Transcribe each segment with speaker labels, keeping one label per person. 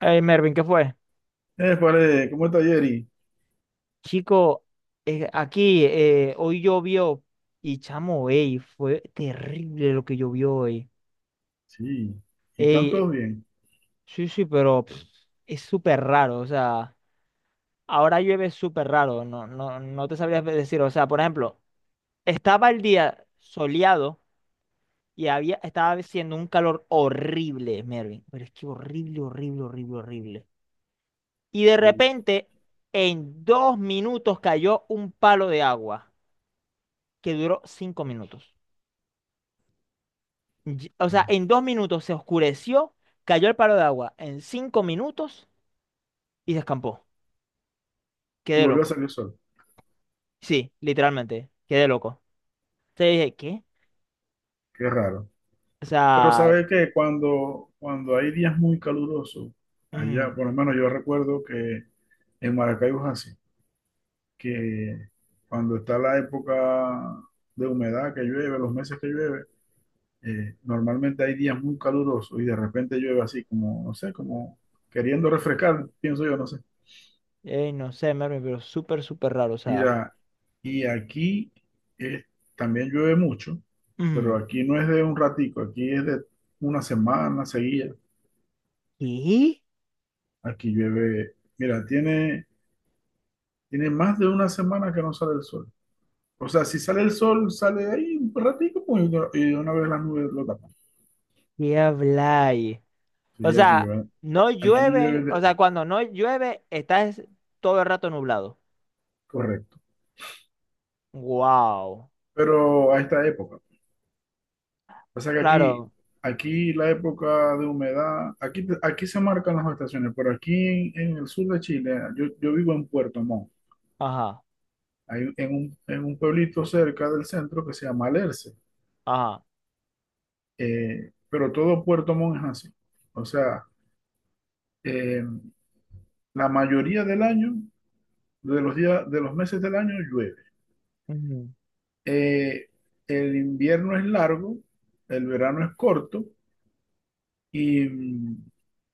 Speaker 1: Hey Mervin, ¿qué fue?
Speaker 2: Vale, ¿cómo está Jerry?
Speaker 1: Chico, aquí hoy llovió y chamo, ey, fue terrible lo que llovió hoy.
Speaker 2: Sí, y están
Speaker 1: Ey,
Speaker 2: todos bien.
Speaker 1: sí, sí, pero pff, es súper raro, o sea, ahora llueve súper raro, no, no, no te sabría decir, o sea, por ejemplo, estaba el día soleado y estaba haciendo un calor horrible, Mervin, pero es que horrible, horrible, horrible, horrible. Y de
Speaker 2: Útale.
Speaker 1: repente, en 2 minutos cayó un palo de agua que duró 5 minutos. O sea, en 2 minutos se oscureció, cayó el palo de agua en 5 minutos y se escampó.
Speaker 2: Y
Speaker 1: Quedé
Speaker 2: volvió a
Speaker 1: loco.
Speaker 2: salir el sol,
Speaker 1: Sí, literalmente, quedé loco. Te dije, ¿qué?
Speaker 2: qué raro.
Speaker 1: O
Speaker 2: Pero
Speaker 1: sea,
Speaker 2: ¿sabe qué? Cuando hay días muy calurosos, allá,
Speaker 1: ujú,
Speaker 2: por lo menos yo recuerdo que en Maracaibo es así, que cuando está la época de humedad que llueve, los meses que llueve, normalmente hay días muy calurosos y de repente llueve así como, no sé, como queriendo refrescar, pienso yo, no sé.
Speaker 1: no sé, Mervin, pero súper, súper raro. O sea,
Speaker 2: Mira, y aquí eh, también llueve mucho, pero
Speaker 1: ujú,
Speaker 2: aquí no es de un ratico, aquí es de una semana seguida.
Speaker 1: ¿qué?
Speaker 2: Aquí llueve, mira, tiene, tiene más de una semana que no sale el sol. O sea, si sale el sol, sale ahí un ratico pues, y de una vez las nubes lo tapan.
Speaker 1: ¿Qué habláis? O
Speaker 2: Sí, aquí
Speaker 1: sea,
Speaker 2: llueve,
Speaker 1: no
Speaker 2: aquí llueve,
Speaker 1: llueve, o
Speaker 2: de-
Speaker 1: sea, cuando no llueve, todo el rato nublado.
Speaker 2: correcto,
Speaker 1: Wow.
Speaker 2: pero a esta época. O sea que aquí,
Speaker 1: Claro.
Speaker 2: aquí la época de humedad, aquí, aquí se marcan las estaciones, pero aquí en el sur de Chile, yo vivo en Puerto Montt,
Speaker 1: Ajá,
Speaker 2: hay, en un pueblito cerca del centro que se llama Alerce,
Speaker 1: ajá.
Speaker 2: pero todo Puerto Montt es así. O sea, eh, la mayoría del año, de los días, de los meses del año llueve. Eh, el invierno es largo, el verano es corto. Y,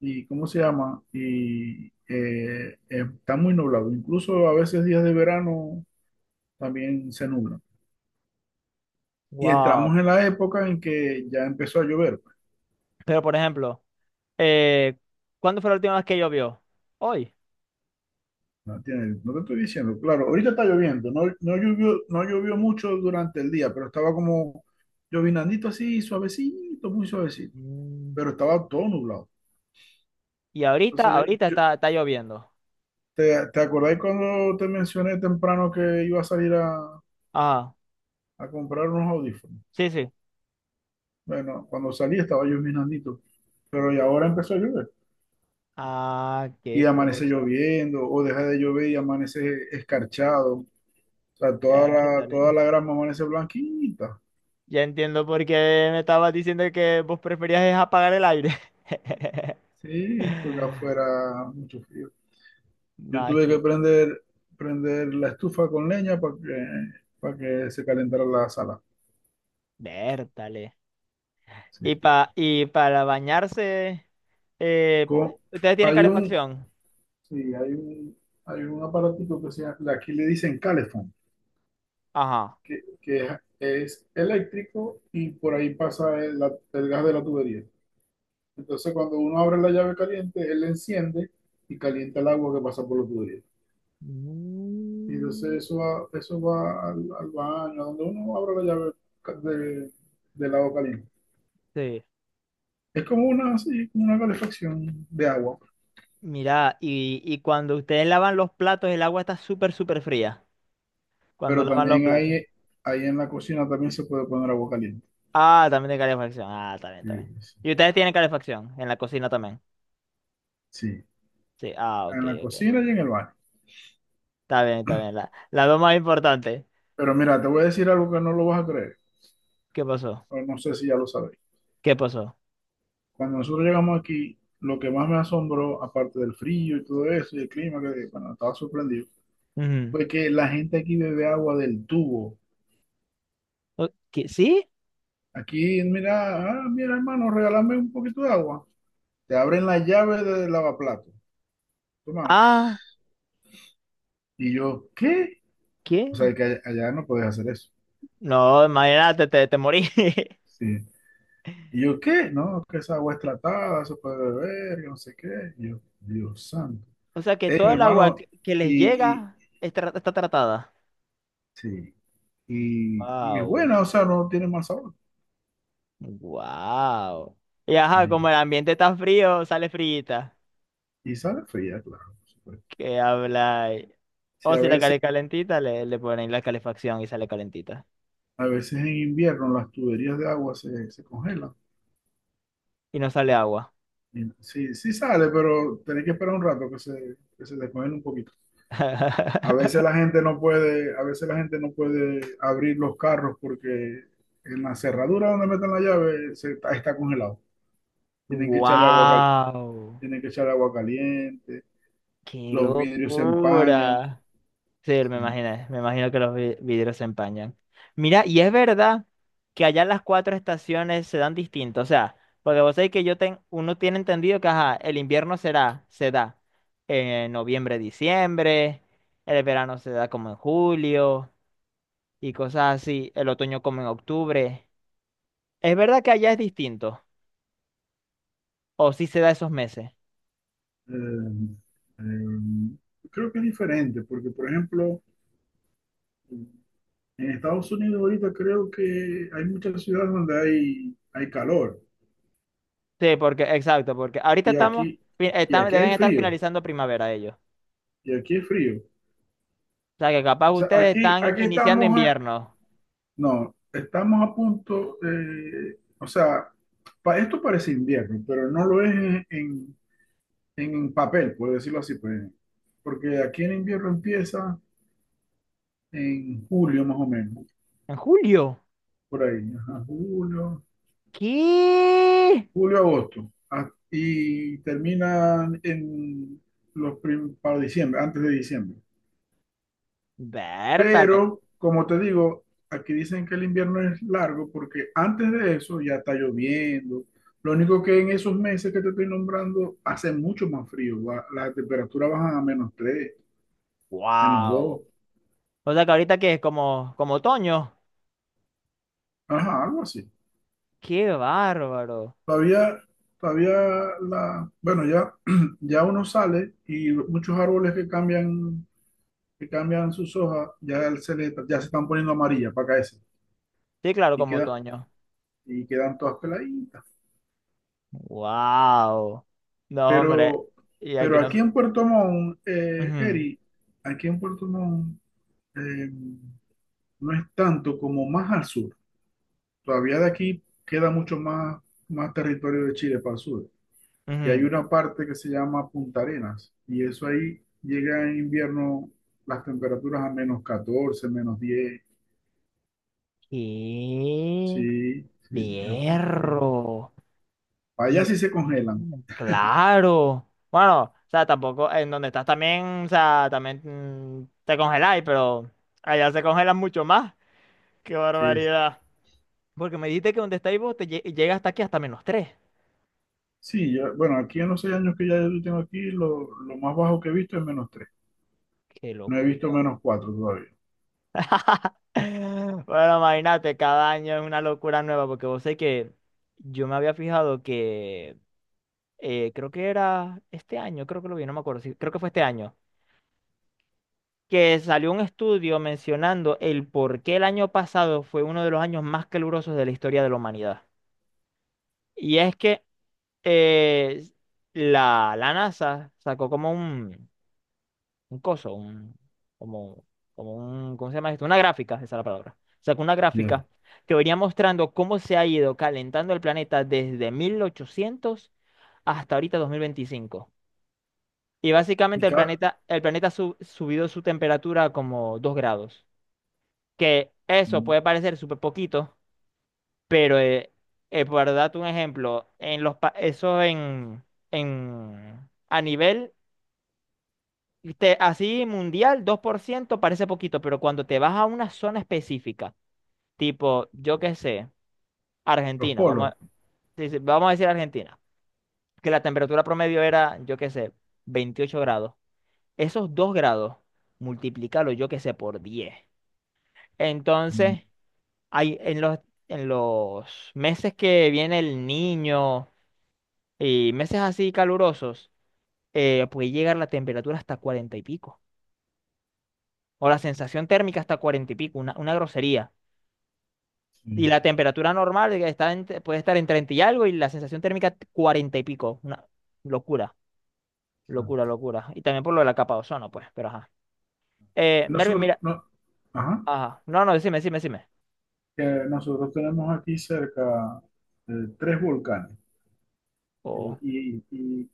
Speaker 2: y ¿cómo se llama? Y está muy nublado. Incluso a veces días de verano también se nubla. Y
Speaker 1: Wow.
Speaker 2: entramos en la época en que ya empezó a llover, pues.
Speaker 1: Pero, por ejemplo, eh, ¿cuándo fue la última vez que llovió? Hoy.
Speaker 2: ¿No entiendes? No te estoy diciendo, claro, ahorita está lloviendo. No, no llovió, no llovió mucho durante el día, pero estaba como llovinandito así, suavecito, muy suavecito.
Speaker 1: Mm.
Speaker 2: Pero estaba todo nublado.
Speaker 1: Y ahorita,
Speaker 2: Entonces
Speaker 1: ahorita está lloviendo.
Speaker 2: ¿te acordás cuando te mencioné temprano que iba a salir
Speaker 1: Ah,
Speaker 2: a comprar unos audífonos?
Speaker 1: sí, sí.
Speaker 2: Bueno, cuando salí estaba llovinandito, pero y ahora empezó a llover.
Speaker 1: Ah,
Speaker 2: Y
Speaker 1: qué
Speaker 2: amanece
Speaker 1: cosa.
Speaker 2: lloviendo, o deja de llover y amanece escarchado. O sea,
Speaker 1: Érdale.
Speaker 2: toda la grama amanece blanquita.
Speaker 1: Ya entiendo por qué me estabas diciendo que vos preferías es apagar el aire.
Speaker 2: Sí, porque afuera mucho frío. Yo tuve que
Speaker 1: Magi.
Speaker 2: prender, prender la estufa con leña para que se calentara la sala.
Speaker 1: Vértale.
Speaker 2: Sí.
Speaker 1: Y, y para bañarse, eh,
Speaker 2: Co-
Speaker 1: ¿ustedes tienen
Speaker 2: hay un,
Speaker 1: calefacción?
Speaker 2: sí, hay un aparatito que se llama, aquí le dicen calefón.
Speaker 1: Ajá.
Speaker 2: que, que es, eléctrico y por ahí pasa el gas de la tubería. Entonces, cuando uno abre la llave caliente, él la enciende y calienta el agua que pasa por la tubería. Y entonces
Speaker 1: Mm.
Speaker 2: eso va al, al baño, donde uno abre la llave ca- de, del agua caliente.
Speaker 1: Sí.
Speaker 2: Es como una, sí, como una calefacción de agua,
Speaker 1: Mira, y cuando ustedes lavan los platos, el agua está súper, súper fría. Cuando
Speaker 2: pero
Speaker 1: lavan los
Speaker 2: también
Speaker 1: platos.
Speaker 2: ahí en la cocina también se puede poner agua caliente.
Speaker 1: Ah, también de calefacción. Ah, está bien,
Speaker 2: Sí,
Speaker 1: está bien.
Speaker 2: sí,
Speaker 1: Y ustedes tienen calefacción en la cocina también.
Speaker 2: sí,
Speaker 1: Sí, ah, ok,
Speaker 2: en la
Speaker 1: ok.
Speaker 2: cocina y en el baño.
Speaker 1: Está bien, está bien. La dos más importante.
Speaker 2: Pero mira, te voy a decir algo que no lo vas a creer,
Speaker 1: ¿Qué pasó?
Speaker 2: o no sé si ya lo sabes.
Speaker 1: ¿Qué pasó?
Speaker 2: Cuando nosotros llegamos aquí, lo que más me asombró, aparte del frío y todo eso, y el clima, que bueno, estaba sorprendido,
Speaker 1: Ujú.
Speaker 2: fue que la gente aquí bebe agua del tubo.
Speaker 1: ¿Sí?
Speaker 2: Aquí, mira, ah, mira, hermano, regálame un poquito de agua. Te abren la llave del lavaplato. Toma.
Speaker 1: Ah,
Speaker 2: Y yo, ¿qué? O
Speaker 1: ¿qué?
Speaker 2: sea, que allá no podés hacer eso.
Speaker 1: No, imagínate, te morí.
Speaker 2: Sí. Y yo, ¿qué? No, que esa agua es tratada, eso puede beber, que no sé qué. Y yo, Dios santo.
Speaker 1: O sea que
Speaker 2: Ey,
Speaker 1: todo
Speaker 2: mi
Speaker 1: el agua
Speaker 2: hermano,
Speaker 1: que les
Speaker 2: y
Speaker 1: llega está tratada.
Speaker 2: sí. Y es
Speaker 1: Wow.
Speaker 2: buena, o sea, no tiene mal sabor.
Speaker 1: Wow. Y ajá,
Speaker 2: Sí.
Speaker 1: como el ambiente está frío, sale frita.
Speaker 2: Y sale fría, claro, por supuesto.
Speaker 1: ¿Qué habláis?
Speaker 2: Sí,
Speaker 1: O si la calle calentita, le ponen la calefacción y sale calentita.
Speaker 2: a veces en invierno las tuberías de agua se congelan.
Speaker 1: Y no sale agua.
Speaker 2: Y sí, sí sale, pero tenés que esperar un rato que se descongele un poquito. A veces la gente no puede, a veces la gente no puede abrir los carros porque en la cerradura donde meten la llave está congelado. Tienen que echarle agua,
Speaker 1: Wow.
Speaker 2: tienen que echarle agua caliente,
Speaker 1: ¡Qué
Speaker 2: los vidrios se empañan.
Speaker 1: locura! Sí,
Speaker 2: Sí.
Speaker 1: me imagino que los vidrios se empañan. Mira, y es verdad que allá las cuatro estaciones se dan distinto, o sea, porque vos sabés que uno tiene entendido que ajá, el invierno se da en noviembre, diciembre, el verano se da como en julio y cosas así, el otoño como en octubre. ¿Es verdad que allá es distinto? ¿O sí se da esos meses?
Speaker 2: Eh, eh, creo que es diferente, porque por ejemplo, en Estados Unidos ahorita creo que hay muchas ciudades donde hay calor
Speaker 1: Sí, porque, exacto, porque ahorita
Speaker 2: y
Speaker 1: estamos,
Speaker 2: aquí, y aquí hay
Speaker 1: deben estar
Speaker 2: frío,
Speaker 1: finalizando primavera ellos.
Speaker 2: y aquí es frío.
Speaker 1: O sea, que capaz
Speaker 2: O sea,
Speaker 1: ustedes
Speaker 2: aquí,
Speaker 1: están
Speaker 2: aquí
Speaker 1: iniciando
Speaker 2: estamos,
Speaker 1: invierno.
Speaker 2: no, estamos a punto, o sea, esto parece invierno, pero no lo es en, en papel, por decirlo así, pues, porque aquí en invierno empieza en julio más o menos,
Speaker 1: En julio.
Speaker 2: por ahí, ajá, julio,
Speaker 1: ¿Qué?
Speaker 2: julio, agosto, y terminan en para diciembre, antes de diciembre.
Speaker 1: Vértale.
Speaker 2: Pero, como te digo, aquí dicen que el invierno es largo porque antes de eso ya está lloviendo. Lo único que en esos meses que te estoy nombrando hace mucho más frío, la temperatura baja a -3, menos
Speaker 1: Wow.
Speaker 2: dos
Speaker 1: O sea que ahorita que es como, otoño.
Speaker 2: ajá, algo así.
Speaker 1: Qué bárbaro.
Speaker 2: Todavía, todavía la, bueno, ya, ya uno sale y muchos árboles que cambian sus hojas, ya se están poniendo amarillas para caerse
Speaker 1: Sí, claro,
Speaker 2: y,
Speaker 1: como otoño.
Speaker 2: y quedan todas peladitas.
Speaker 1: Wow. No, hombre.
Speaker 2: Pero,
Speaker 1: Y aquí
Speaker 2: pero
Speaker 1: no sé.
Speaker 2: aquí en Puerto Montt,
Speaker 1: Ujú,
Speaker 2: Eri, aquí en Puerto Montt eh, no es tanto como más al sur. Todavía de aquí queda mucho más, más territorio de Chile para el sur. Y hay
Speaker 1: ujú.
Speaker 2: una parte que se llama Punta Arenas y eso ahí llega en invierno las temperaturas a -14, -10.
Speaker 1: ¡Qué
Speaker 2: Sí, sí, es mucho frío.
Speaker 1: berro!
Speaker 2: Allá
Speaker 1: Dios
Speaker 2: sí se congelan.
Speaker 1: mío, claro. Bueno, o sea, tampoco en donde estás también, o sea, también te congeláis, pero allá se congelan mucho más. ¡Qué
Speaker 2: Sí, sí.
Speaker 1: barbaridad! Porque me dijiste que donde estáis vos llega hasta aquí, hasta -3.
Speaker 2: Sí, ya- bueno, aquí en los 6 años que ya yo tengo aquí, lo más bajo que he visto es -3.
Speaker 1: Qué
Speaker 2: No he visto
Speaker 1: locura.
Speaker 2: -4 todavía.
Speaker 1: Bueno, imagínate, cada año es una locura nueva, porque vos sé que yo me había fijado que creo que era este año, creo que lo vi, no me acuerdo, sí, creo que fue este año, que salió un estudio mencionando el por qué el año pasado fue uno de los años más calurosos de la historia de la humanidad. Y es que eh, la NASA sacó como un coso, como, como un, ¿cómo se llama esto? Una gráfica, esa es la palabra. Sacó una
Speaker 2: Bien.
Speaker 1: gráfica que venía mostrando cómo se ha ido calentando el planeta desde 1800 hasta ahorita 2025. Y básicamente
Speaker 2: Y cada,
Speaker 1: el planeta ha subido su temperatura como 2 grados. Que eso puede parecer súper poquito, pero por darte un ejemplo, en los, eso en, a nivel así mundial, 2% parece poquito, pero cuando te vas a una zona específica, tipo, yo qué sé,
Speaker 2: los
Speaker 1: Argentina,
Speaker 2: polos.
Speaker 1: sí, sí, vamos a decir Argentina, que la temperatura promedio era, yo qué sé, 28 grados. Esos 2 grados, multiplícalo, yo qué sé, por 10.
Speaker 2: Mm,
Speaker 1: Entonces, hay, en los meses que viene el niño y meses así calurosos, puede llegar la temperatura hasta 40 y pico. O la sensación térmica hasta 40 y pico, una grosería. Y
Speaker 2: sí,
Speaker 1: la temperatura normal puede estar en 30 y algo y la sensación térmica 40 y pico. Una locura,
Speaker 2: claro.
Speaker 1: locura, locura. Y también por lo de la capa de ozono, pues, pero ajá. Mervin,
Speaker 2: Nosotros,
Speaker 1: mira.
Speaker 2: no, ajá,
Speaker 1: Ajá. No, no, decime, decime, decime.
Speaker 2: que nosotros tenemos aquí cerca eh, 3 volcanes. Eh,
Speaker 1: Oh,
Speaker 2: y y,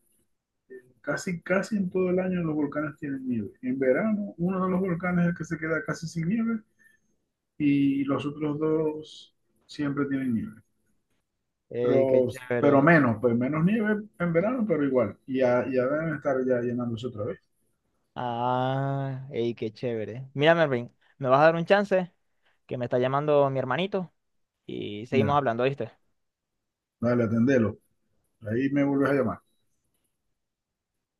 Speaker 2: casi, casi en todo el año los volcanes tienen nieve. En verano, uno de los volcanes es el que se queda casi sin nieve y los otros dos siempre tienen nieve.
Speaker 1: ey, qué
Speaker 2: Pero, pero
Speaker 1: chévere.
Speaker 2: menos, pues menos nieve en verano, pero igual. Y ya, ya deben estar ya llenándose otra vez.
Speaker 1: Ah, ey, qué chévere. Mira, Mervin, me vas a dar un chance que me está llamando mi hermanito y seguimos
Speaker 2: Mira,
Speaker 1: hablando, ¿viste?
Speaker 2: dale, atendelo. Ahí me vuelves a llamar.